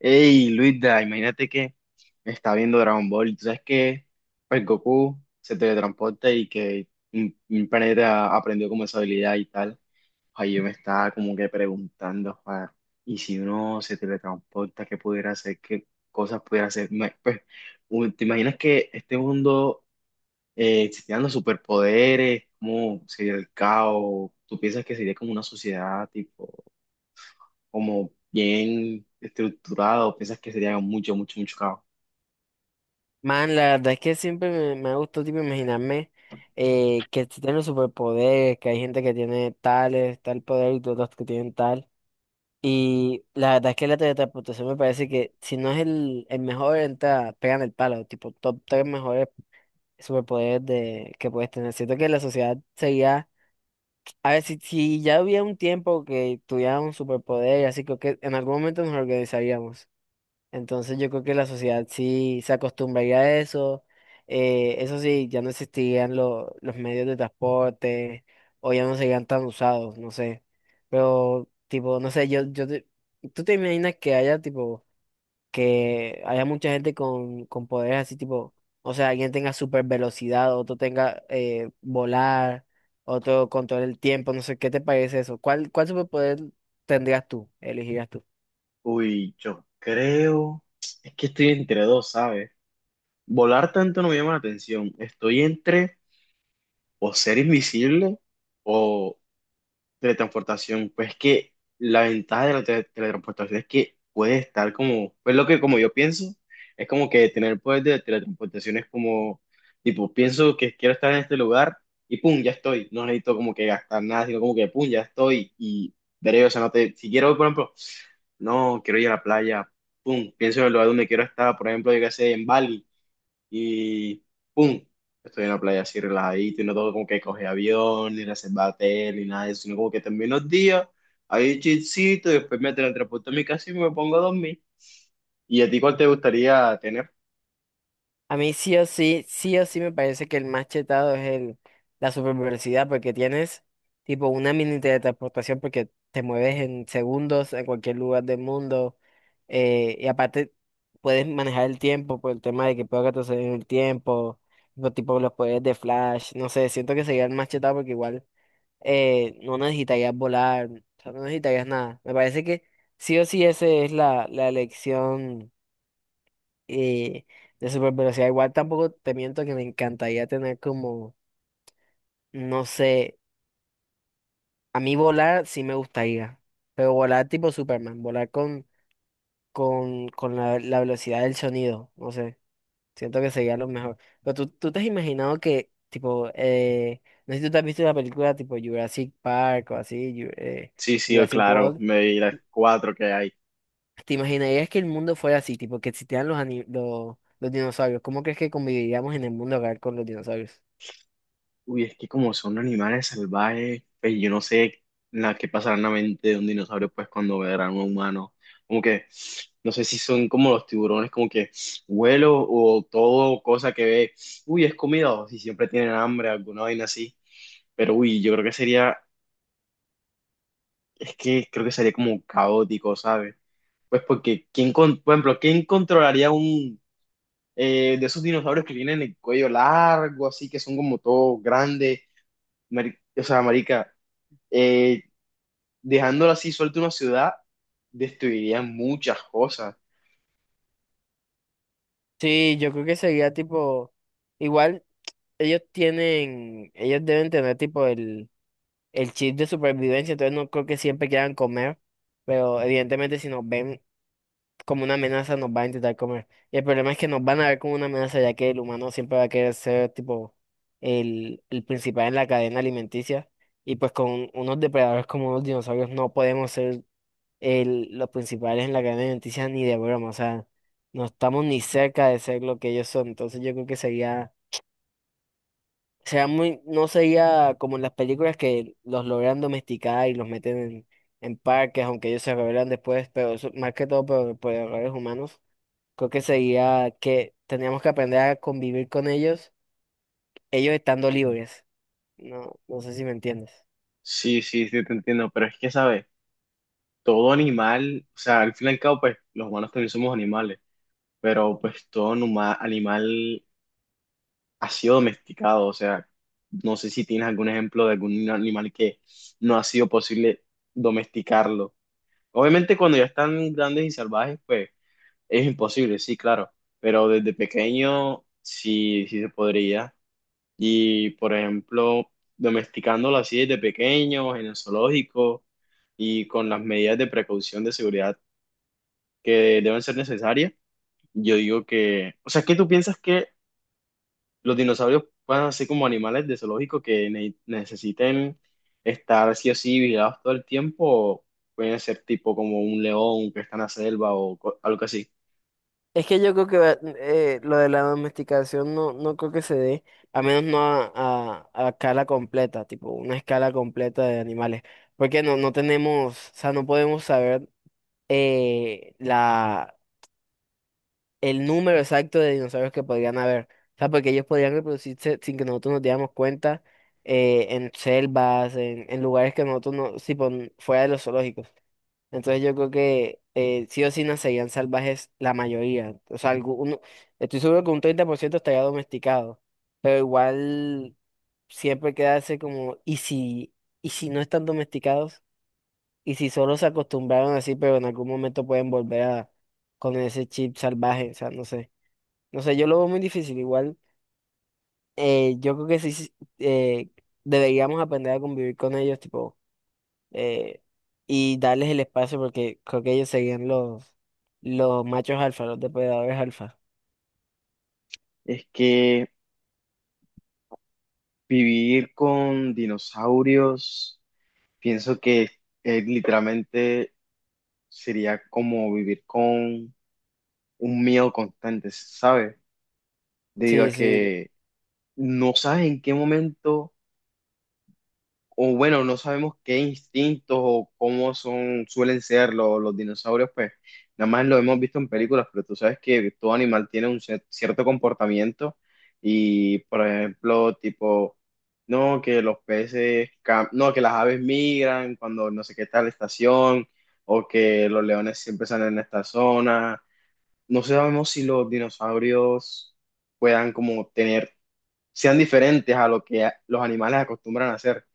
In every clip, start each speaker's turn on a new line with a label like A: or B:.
A: Hey, Luisa, imagínate que me está viendo Dragon Ball y tú sabes que pues Goku se teletransporta y que un planeta aprendió como esa habilidad y tal. Ahí yo me estaba como que preguntando, joder, y si uno se teletransporta, ¿qué pudiera hacer? ¿Qué cosas pudiera hacer? Pues, ¿te imaginas que este mundo existieran los superpoderes? ¿Cómo sería el caos? ¿Tú piensas que sería como una sociedad tipo, como bien estructurado? ¿Piensas que sería mucho, mucho, mucho caos?
B: Man, la verdad es que siempre me ha gustado tipo imaginarme que si tienen superpoderes, que hay gente que tiene tales, tal poder y otros que tienen tal. Y la verdad es que la teletransportación me parece que si no es el mejor, entra, pegan el palo, tipo top tres mejores superpoderes de, que puedes tener. Siento que la sociedad sería, a ver, si ya hubiera un tiempo que tuviera un superpoder, así creo que en algún momento nos organizaríamos. Entonces yo creo que la sociedad sí se acostumbraría a eso. Eso sí, ya no existirían los medios de transporte o ya no serían tan usados, no sé. Pero tipo, no sé, tú te imaginas que haya tipo, que haya mucha gente con poderes así tipo, o sea, alguien tenga super velocidad, otro tenga volar, otro control el tiempo, no sé, ¿qué te parece eso? ¿Cuál superpoder tendrías tú, elegirías tú?
A: Uy, yo creo, es que estoy entre dos, ¿sabes? Volar tanto no me llama la atención. Estoy entre o ser invisible o teletransportación. Pues que la ventaja de la teletransportación es que puede estar como, pues lo que como yo pienso, es como que tener poder de teletransportación es como, tipo, pienso que quiero estar en este lugar y pum, ya estoy, no necesito como que gastar nada, sino como que pum, ya estoy y veré, o sea, no te, si quiero, por ejemplo, no, quiero ir a la playa, pum, pienso en el lugar donde quiero estar, por ejemplo, yo qué sé, en Bali y ¡pum! Estoy en la playa así relajadito y no tengo como que coger avión, ni reservar hotel, ni nada de eso, sino como que termino los días ahí chilcito, y después me teletransporto a mi casa y me pongo a dormir. ¿Y a ti cuál te gustaría tener?
B: A mí sí o sí me parece que el más chetado es el, la supervelocidad porque tienes tipo una mini teletransportación porque te mueves en segundos en cualquier lugar del mundo y aparte puedes manejar el tiempo por el tema de que puedo retroceder en el tiempo, tipo los poderes de Flash, no sé, siento que sería el más chetado porque igual no necesitarías volar, o sea, no necesitarías nada. Me parece que sí o sí esa es la elección y de super velocidad, igual tampoco te miento que me encantaría tener como, no sé, a mí volar sí me gustaría, pero volar tipo Superman, volar con, con la velocidad del sonido, no sé, siento que sería lo mejor. Pero tú te has imaginado que, tipo, no sé si tú te has visto la película tipo Jurassic Park o así,
A: Sí, sí,
B: Jurassic
A: claro,
B: World.
A: me di las cuatro que hay.
B: ¿Te imaginarías que el mundo fuera así, tipo que existieran los dinosaurios? ¿Cómo crees que conviviríamos en el mundo real con los dinosaurios?
A: Uy, es que como son animales salvajes, pues yo no sé la que pasará en la mente de un dinosaurio pues cuando verán a un humano. Como que no sé si son como los tiburones, como que vuelo o todo cosa que ve, uy, es comida, o si siempre tienen hambre, alguna vaina así. Pero uy, yo creo que sería, es que creo que sería como caótico, ¿sabes? Pues porque, ¿quién, con, por ejemplo, ¿quién controlaría un de esos dinosaurios que tienen el cuello largo, así que son como todos grandes? O sea, marica, eh, dejándolo así suelto una ciudad, destruiría muchas cosas.
B: Sí, yo creo que sería tipo, igual ellos tienen, ellos deben tener tipo el chip de supervivencia, entonces no creo que siempre quieran comer, pero evidentemente si nos ven como una amenaza nos van a intentar comer. Y el problema es que nos van a ver como una amenaza ya que el humano siempre va a querer ser tipo el principal en la cadena alimenticia y pues con unos depredadores como unos dinosaurios no podemos ser el, los principales en la cadena alimenticia ni de broma, o sea, no estamos ni cerca de ser lo que ellos son, entonces yo creo que sería, sería muy, no sería como en las películas que los logran domesticar y los meten en parques, aunque ellos se rebelan después, pero eso, más que todo por errores humanos, creo que sería que teníamos que aprender a convivir con ellos, ellos estando libres, no sé si me entiendes.
A: Sí, sí, sí, te entiendo, pero es que, ¿sabes? Todo animal, o sea, al fin y al cabo, pues los humanos también somos animales, pero pues todo animal ha sido domesticado. O sea, no sé si tienes algún ejemplo de algún animal que no ha sido posible domesticarlo. Obviamente cuando ya están grandes y salvajes, pues es imposible, sí, claro, pero desde pequeño sí, sí se podría. Y, por ejemplo, domesticándolo así desde pequeños, en el zoológico y con las medidas de precaución de seguridad que deben ser necesarias, yo digo que, o sea, ¿qué tú piensas, que los dinosaurios puedan ser como animales de zoológico que necesiten estar sí o sí vigilados todo el tiempo? O pueden ser tipo como un león que está en la selva o algo así.
B: Es que yo creo que lo de la domesticación no, no creo que se dé, a menos no a escala completa, tipo una escala completa de animales, porque no tenemos, o sea, no podemos saber eh, la, el número exacto de dinosaurios que podrían haber, o sea, porque ellos podrían reproducirse sin que nosotros nos diéramos cuenta en selvas, en lugares que nosotros no, tipo, fuera de los zoológicos. Entonces yo creo que sí o sí nacerían salvajes la mayoría. O sea, estoy seguro que un 30% estaría domesticado. Pero igual siempre quedarse como, y si no están domesticados? ¿Y si solo se acostumbraron así, pero en algún momento pueden volver a con ese chip salvaje? O sea, no sé. No sé, yo lo veo muy difícil. Igual yo creo que sí, eh, deberíamos aprender a convivir con ellos, tipo eh, y darles el espacio porque creo que ellos seguían los machos alfa, los depredadores alfa.
A: Es que vivir con dinosaurios, pienso que es literalmente, sería como vivir con un miedo constante, ¿sabes? Debido a
B: Sí, sí,
A: que no sabes en qué momento, o bueno, no sabemos qué instintos o cómo son, suelen ser los dinosaurios. Pues nada más lo hemos visto en películas, pero tú sabes que todo animal tiene un cierto comportamiento y, por ejemplo, tipo. No, que los peces, no, que las aves migran cuando no sé qué tal estación, o que los leones siempre salen en esta zona. No sabemos si los dinosaurios puedan como tener, sean diferentes a lo que los animales acostumbran a hacer.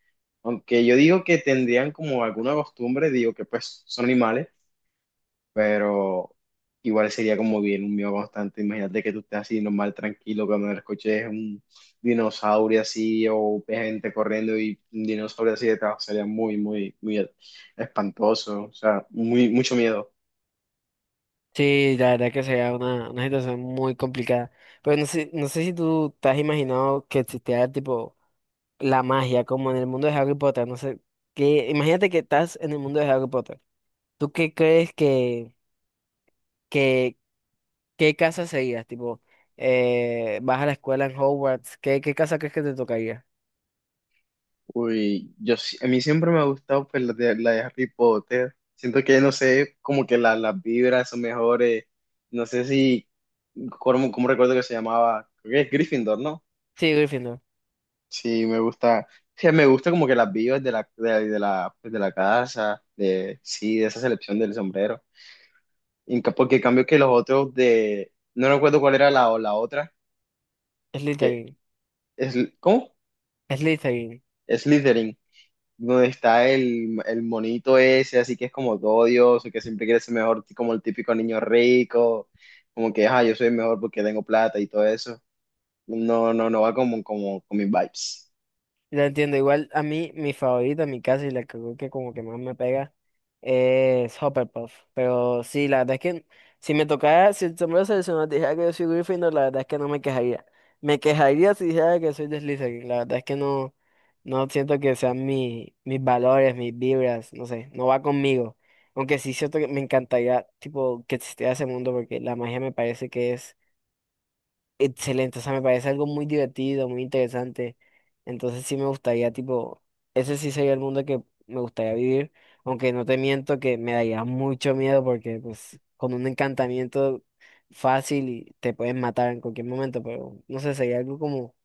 A: Aunque yo digo que tendrían como alguna costumbre, digo que pues son animales, pero igual sería como bien un miedo constante. Imagínate que tú estés así normal, tranquilo, cuando escuches un dinosaurio así o ves gente corriendo y un dinosaurio así detrás, sería muy, muy, muy espantoso, o sea, muy, mucho miedo.
B: sí, La verdad que sería una situación muy complicada. Pero no sé, no sé si tú te has imaginado que existiera tipo la magia, como en el mundo de Harry Potter, no sé, que imagínate que estás en el mundo de Harry Potter. ¿Tú qué crees que, qué casa serías? Tipo, vas a la escuela en Hogwarts, ¿qué casa crees que te tocaría?
A: Uy, yo, a mí siempre me ha gustado pues, la de Harry Potter. Siento que, no sé, como que las vibras son mejores. No sé si, ¿cómo, cómo recuerdo que se llamaba? Creo que es Gryffindor, ¿no?
B: Sí, Gryffindor,
A: Sí, me gusta. Sí, me gusta como que las vibras de la, pues, de la casa, de, sí, de esa selección del sombrero. Porque en cambio que los otros de, no recuerdo cuál era la, la otra, que
B: Slytherin,
A: es, ¿cómo?
B: Slytherin.
A: Slytherin, donde está el monito ese, así que es como todo odioso, que siempre quiere ser mejor, como el típico niño rico, como que, ah, yo soy mejor porque tengo plata y todo eso. No, no, no va como, como con mis vibes.
B: Ya entiendo, igual a mí, mi favorita, mi casa y la que creo que como que más me pega es Hufflepuff. Pero sí, la verdad es que si me tocara, si el sombrero seleccionado dijera que yo soy Gryffindor, la verdad es que no me quejaría. Me quejaría si dijera que soy de Slytherin. La verdad es que no, no siento que sean mi, mis valores, mis vibras, no sé, no va conmigo. Aunque sí siento que me encantaría, tipo, que existiera ese mundo porque la magia me parece que es excelente, o sea, me parece algo muy divertido, muy interesante. Entonces sí me gustaría, tipo, ese sí sería el mundo que me gustaría vivir, aunque no te miento que me daría mucho miedo porque pues con un encantamiento fácil y te pueden matar en cualquier momento, pero no sé, sería algo como,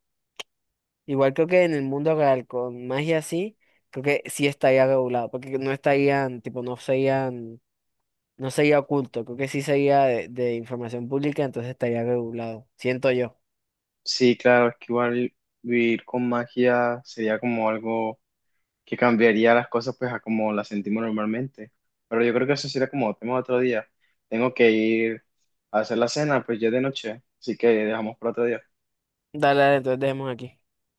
B: igual creo que en el mundo real con magia así, creo que sí estaría regulado, porque no estarían, tipo, no serían, no sería oculto, creo que sí sería de información pública, entonces estaría regulado, siento yo.
A: Sí, claro, es que igual vivir con magia sería como algo que cambiaría las cosas pues a como las sentimos normalmente. Pero yo creo que eso sería como tema de otro día. Tengo que ir a hacer la cena, pues ya es de noche, así que dejamos para otro día.
B: Dale, dale, entonces dejemos aquí.